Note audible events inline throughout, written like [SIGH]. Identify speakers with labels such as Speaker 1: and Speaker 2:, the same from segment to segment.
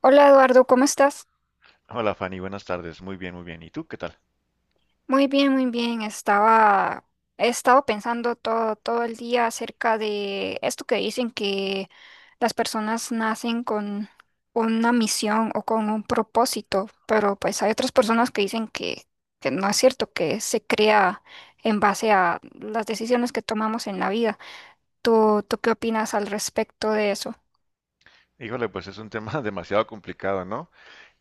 Speaker 1: Hola Eduardo, ¿cómo estás?
Speaker 2: Hola Fanny, buenas tardes. Muy bien, muy bien. ¿Y tú qué tal?
Speaker 1: Muy bien, muy bien. Estaba, he estado pensando todo el día acerca de esto que dicen que las personas nacen con una misión o con un propósito, pero pues hay otras personas que dicen que no es cierto, que se crea en base a las decisiones que tomamos en la vida. ¿Tú qué opinas al respecto de eso?
Speaker 2: Híjole, pues es un tema [LAUGHS] demasiado complicado, ¿no?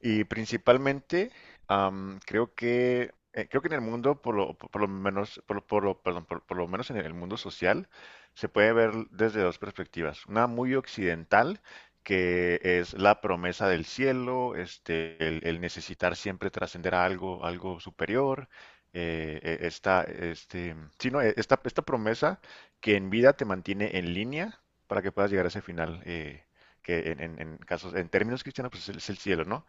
Speaker 2: Y principalmente, creo que en el mundo, por lo menos, por lo- perdón, por lo menos en el mundo social, se puede ver desde dos perspectivas. Una muy occidental, que es la promesa del cielo, el necesitar siempre trascender a algo, algo superior. Sí, no, esta promesa que en vida te mantiene en línea para que puedas llegar a ese final. En casos, en términos cristianos, pues es el cielo, ¿no?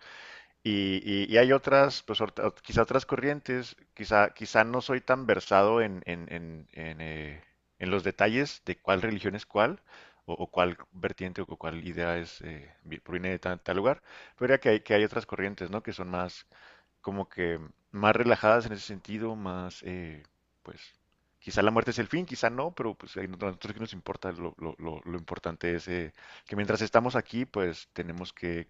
Speaker 2: Y hay otras, quizá otras corrientes, quizá no soy tan versado en los detalles de cuál religión es cuál, o cuál vertiente o cuál idea es, proviene de tal, tal lugar, pero que hay otras corrientes, ¿no? Que son más, como que más relajadas en ese sentido, más, pues, quizá la muerte es el fin, quizá no, pero pues a nosotros que nos importa. Lo importante es que mientras estamos aquí, pues tenemos que,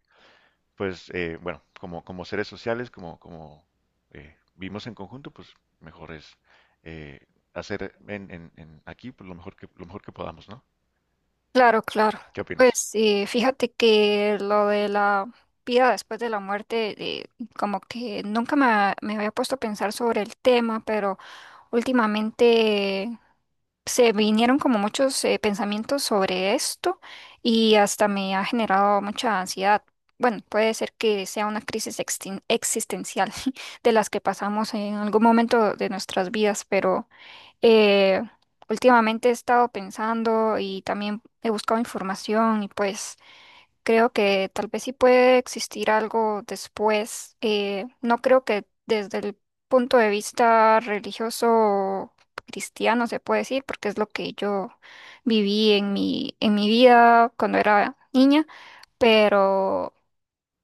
Speaker 2: pues, bueno, como seres sociales, como, como vivimos en conjunto, pues mejor es eh, hacer en aquí, pues, lo mejor que podamos, ¿no?
Speaker 1: Claro, claro.
Speaker 2: ¿Qué opinas?
Speaker 1: Pues fíjate que lo de la vida después de la muerte, como que nunca me había puesto a pensar sobre el tema, pero últimamente se vinieron como muchos pensamientos sobre esto y hasta me ha generado mucha ansiedad. Bueno, puede ser que sea una crisis existencial [LAUGHS] de las que pasamos en algún momento de nuestras vidas, pero... Eh, últimamente he estado pensando y también he buscado información y pues creo que tal vez sí puede existir algo después. No creo que desde el punto de vista religioso o cristiano se puede decir, porque es lo que yo viví en mi vida cuando era niña, pero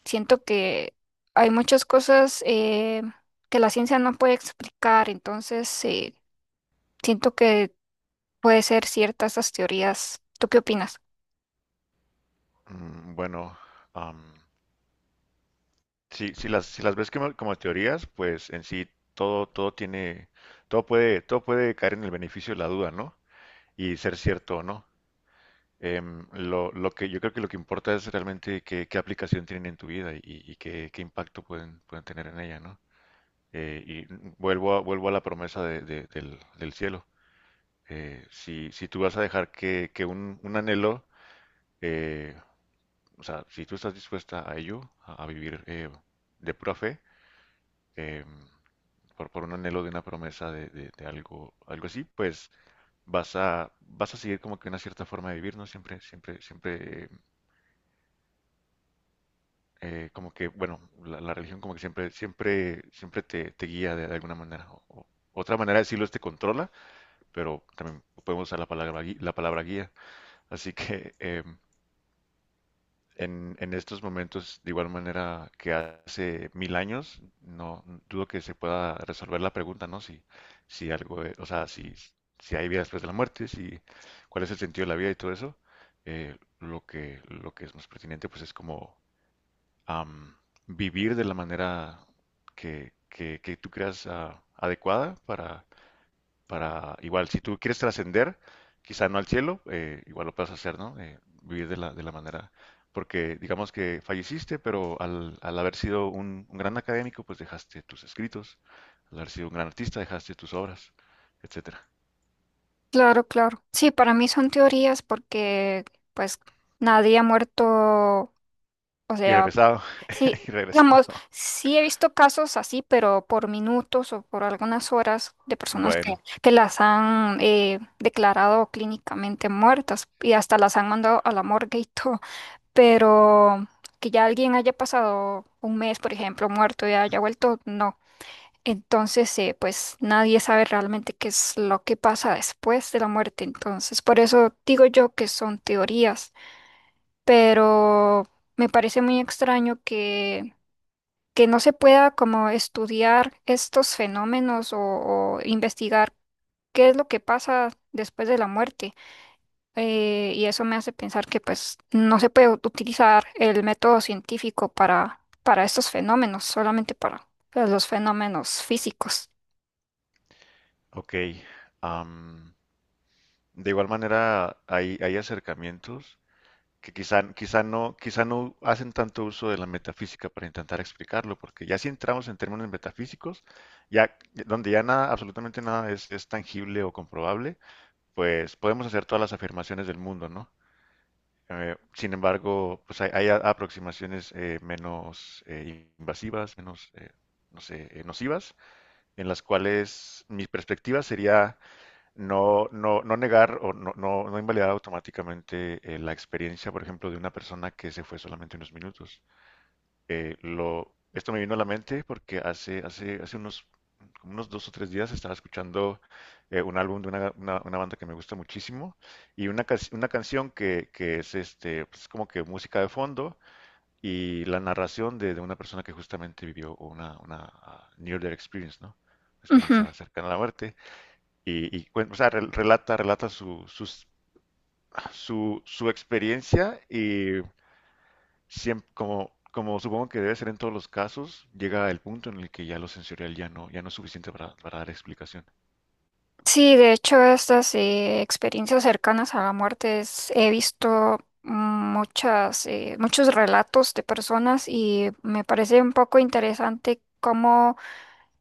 Speaker 1: siento que hay muchas cosas que la ciencia no puede explicar, entonces... siento que puede ser ciertas esas teorías. ¿Tú qué opinas?
Speaker 2: Mm, bueno, am, si las ves como, como teorías, pues en sí todo, todo tiene, todo puede caer en el beneficio de la duda, ¿no? Y ser cierto o no. Lo que yo creo que lo que importa es realmente qué, qué aplicación tienen en tu vida y, qué impacto pueden tener en ella, ¿no? Y vuelvo a la promesa del cielo. Si tú vas a dejar que un anhelo, eh, o sea, si tú estás dispuesta a ello, a vivir de pura fe, em, por un anhelo de una promesa de algo, algo así, pues vas a seguir como que una cierta forma de vivir, ¿no? Siempre, siempre, siempre, como que, bueno, la religión como que siempre, siempre, siempre te, te guía de alguna manera. Otra manera de decirlo es te controla, pero también podemos usar la palabra, la palabra guía. Así que, en estos momentos, de igual manera que hace mil años, no dudo que se pueda resolver la pregunta, ¿no? Si, si hay vida después de la muerte, si cuál es el sentido de la vida y todo eso. Lo que es más pertinente, pues es como am, vivir de la manera que tú creas adecuada para igual, si tú quieres trascender, quizá no al cielo, igual lo puedes hacer, ¿no? Vivir de la manera, porque digamos que falleciste, pero al haber sido un gran académico, pues dejaste tus escritos, al haber sido un gran artista, dejaste tus obras, etcétera.
Speaker 1: Claro, claro. Sí, para mí son teorías porque, pues, nadie ha muerto. O
Speaker 2: Y
Speaker 1: sea,
Speaker 2: regresado,
Speaker 1: sí,
Speaker 2: [LAUGHS] y
Speaker 1: digamos,
Speaker 2: regresado.
Speaker 1: sí he visto casos así, pero por minutos o por algunas horas de personas
Speaker 2: Bueno,
Speaker 1: que las han declarado clínicamente muertas y hasta las han mandado a la morgue y [LAUGHS] todo. Pero que ya alguien haya pasado un mes, por ejemplo, muerto y haya vuelto, no. Entonces, pues nadie sabe realmente qué es lo que pasa después de la muerte. Entonces, por eso digo yo que son teorías, pero me parece muy extraño que no se pueda como estudiar estos fenómenos o investigar qué es lo que pasa después de la muerte. Y eso me hace pensar que pues no se puede utilizar el método científico para estos fenómenos, solamente para pues, los fenómenos físicos.
Speaker 2: ok. Am, de igual manera, hay acercamientos que quizá no hacen tanto uso de la metafísica para intentar explicarlo, porque ya si entramos en términos metafísicos, ya donde ya nada, absolutamente nada es, es tangible o comprobable, pues podemos hacer todas las afirmaciones del mundo, ¿no? Sin embargo, pues hay, aproximaciones menos invasivas, menos, no sé, nocivas, en las cuales mi perspectiva sería no, no, no negar o no, no, no invalidar automáticamente la experiencia, por ejemplo, de una persona que se fue solamente unos minutos. Esto me vino a la mente porque hace unos, como unos dos o tres días estaba escuchando un álbum de una banda que me gusta muchísimo y una canción que es este, pues, como que música de fondo y la narración de una persona que justamente vivió una near death experience, ¿no?
Speaker 1: Ujú.
Speaker 2: Experiencia cercana a la muerte. Relata, relata su experiencia y como, como supongo que debe ser en todos los casos, llega el punto en el que ya lo sensorial ya no, ya no es suficiente para dar explicación.
Speaker 1: Sí, de hecho, estas experiencias cercanas a la muerte he visto muchas, muchos relatos de personas y me parece un poco interesante cómo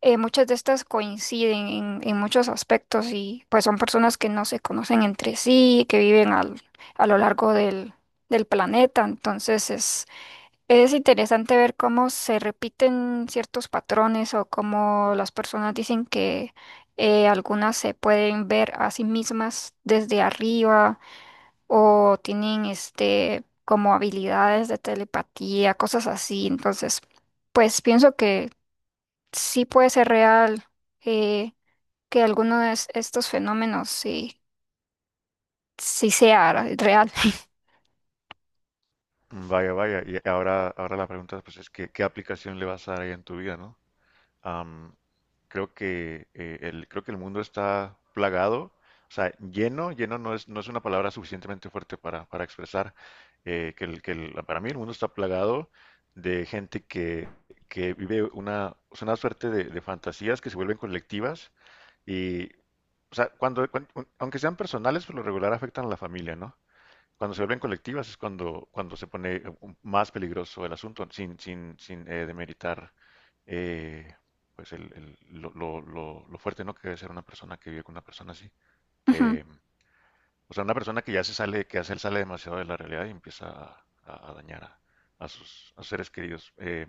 Speaker 1: muchas de estas coinciden en muchos aspectos y pues son personas que no se conocen entre sí, que viven a lo largo del planeta, entonces es interesante ver cómo se repiten ciertos patrones o cómo las personas dicen que algunas se pueden ver a sí mismas desde arriba o tienen este como habilidades de telepatía, cosas así. Entonces, pues pienso que sí puede ser real eh, que alguno de estos fenómenos sí, sí sea real. [LAUGHS]
Speaker 2: Vaya, vaya, y ahora, ahora la pregunta, pues, es que ¿qué aplicación le vas a dar ahí en tu vida, ¿no? Am, Creo que, creo que el mundo está plagado, o sea, lleno, lleno no es, no es una palabra suficientemente fuerte para expresar, para mí el mundo está plagado de gente que vive una, o sea, una suerte de fantasías que se vuelven colectivas y, o sea, aunque sean personales, por lo regular afectan a la familia, ¿no? Cuando se vuelven colectivas es cuando se pone más peligroso el asunto, sin, sin, sin demeritar eh, lo fuerte, ¿no? Que debe ser una persona que vive con una persona así.
Speaker 1: Ujú.
Speaker 2: Eh, o sea, una persona que ya se sale, que ya se sale demasiado de la realidad y empieza a dañar a sus seres queridos.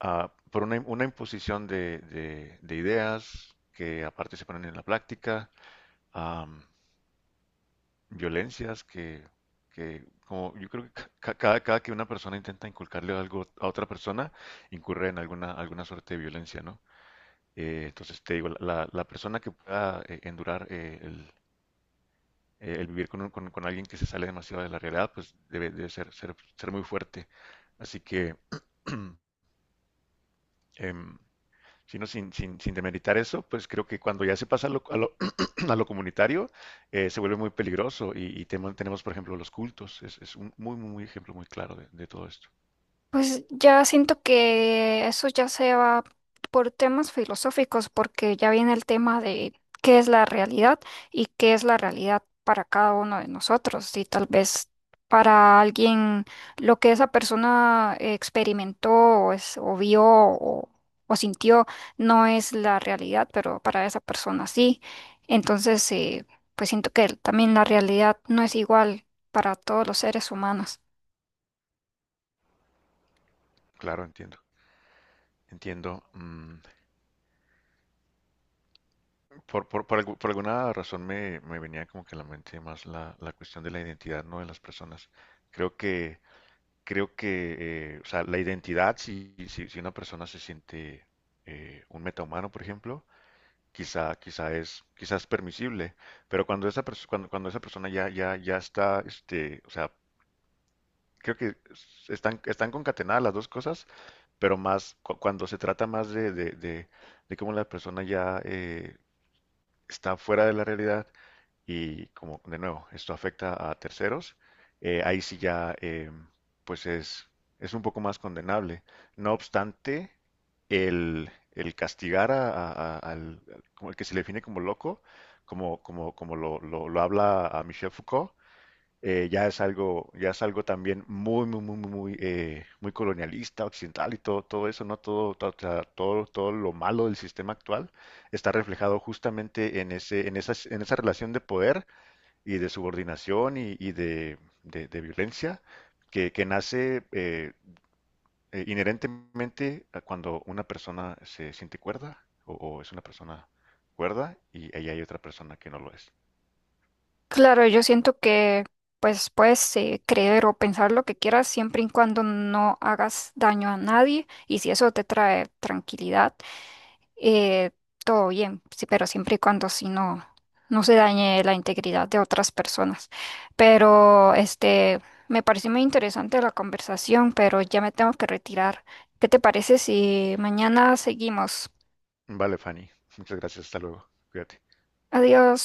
Speaker 2: Ah, por una imposición de, de ideas que aparte se ponen en la práctica. Violencias que como yo creo que cada que una persona intenta inculcarle algo a otra persona, incurre en alguna suerte de violencia, ¿no? Entonces te digo, la persona que pueda endurar el vivir con, con alguien que se sale demasiado de la realidad, pues debe, ser muy fuerte. Así que [CLEARS THROAT] em, sin, sin, sin demeritar eso, pues creo que cuando ya se pasa a lo, [CLEARS THROAT] a lo comunitario, se vuelve muy peligroso y, tenemos, por ejemplo, los cultos. Es un muy, muy, muy ejemplo muy claro de todo esto.
Speaker 1: Pues ya siento que eso ya se va por temas filosóficos, porque ya viene el tema de qué es la realidad y qué es la realidad para cada uno de nosotros. Y tal vez para alguien lo que esa persona experimentó o vio o sintió no es la realidad, pero para esa persona sí. Entonces, pues siento que también la realidad no es igual para todos los seres humanos.
Speaker 2: Claro, entiendo. Entiendo. Mm, por alguna razón me, me venía como que a la mente más la cuestión de la identidad, ¿no? De las personas. Creo que, creo que, o sea, la identidad, si una persona se siente un metahumano, por ejemplo, quizás permisible, pero cuando esa persona ya está, este, o sea, creo que están, están concatenadas las dos cosas, pero más cuando se trata más de cómo la persona ya está fuera de la realidad y como de nuevo, esto afecta a terceros, ahí sí ya pues es un poco más condenable. No obstante, el castigar como el que se le define como loco, como lo, lo habla a Michel Foucault, ya es algo también muy, muy, muy, muy, muy, muy colonialista, occidental y todo, todo eso, ¿no? Todo, todo, o sea, todo, todo lo malo del sistema actual está reflejado justamente en ese, en esa relación de poder y de subordinación y de, de violencia que nace inherentemente a cuando una persona se siente cuerda o es una persona cuerda y ella hay otra persona que no lo es.
Speaker 1: Claro, yo siento que pues puedes creer o pensar lo que quieras siempre y cuando no hagas daño a nadie y si eso te trae tranquilidad, eh, todo bien, sí, pero siempre y cuando si no, no se dañe la integridad de otras personas. Pero este, me pareció muy interesante la conversación, pero ya me tengo que retirar. ¿Qué te parece si mañana seguimos?
Speaker 2: Vale, Fanny. Muchas gracias. Hasta luego. Cuídate.
Speaker 1: Adiós.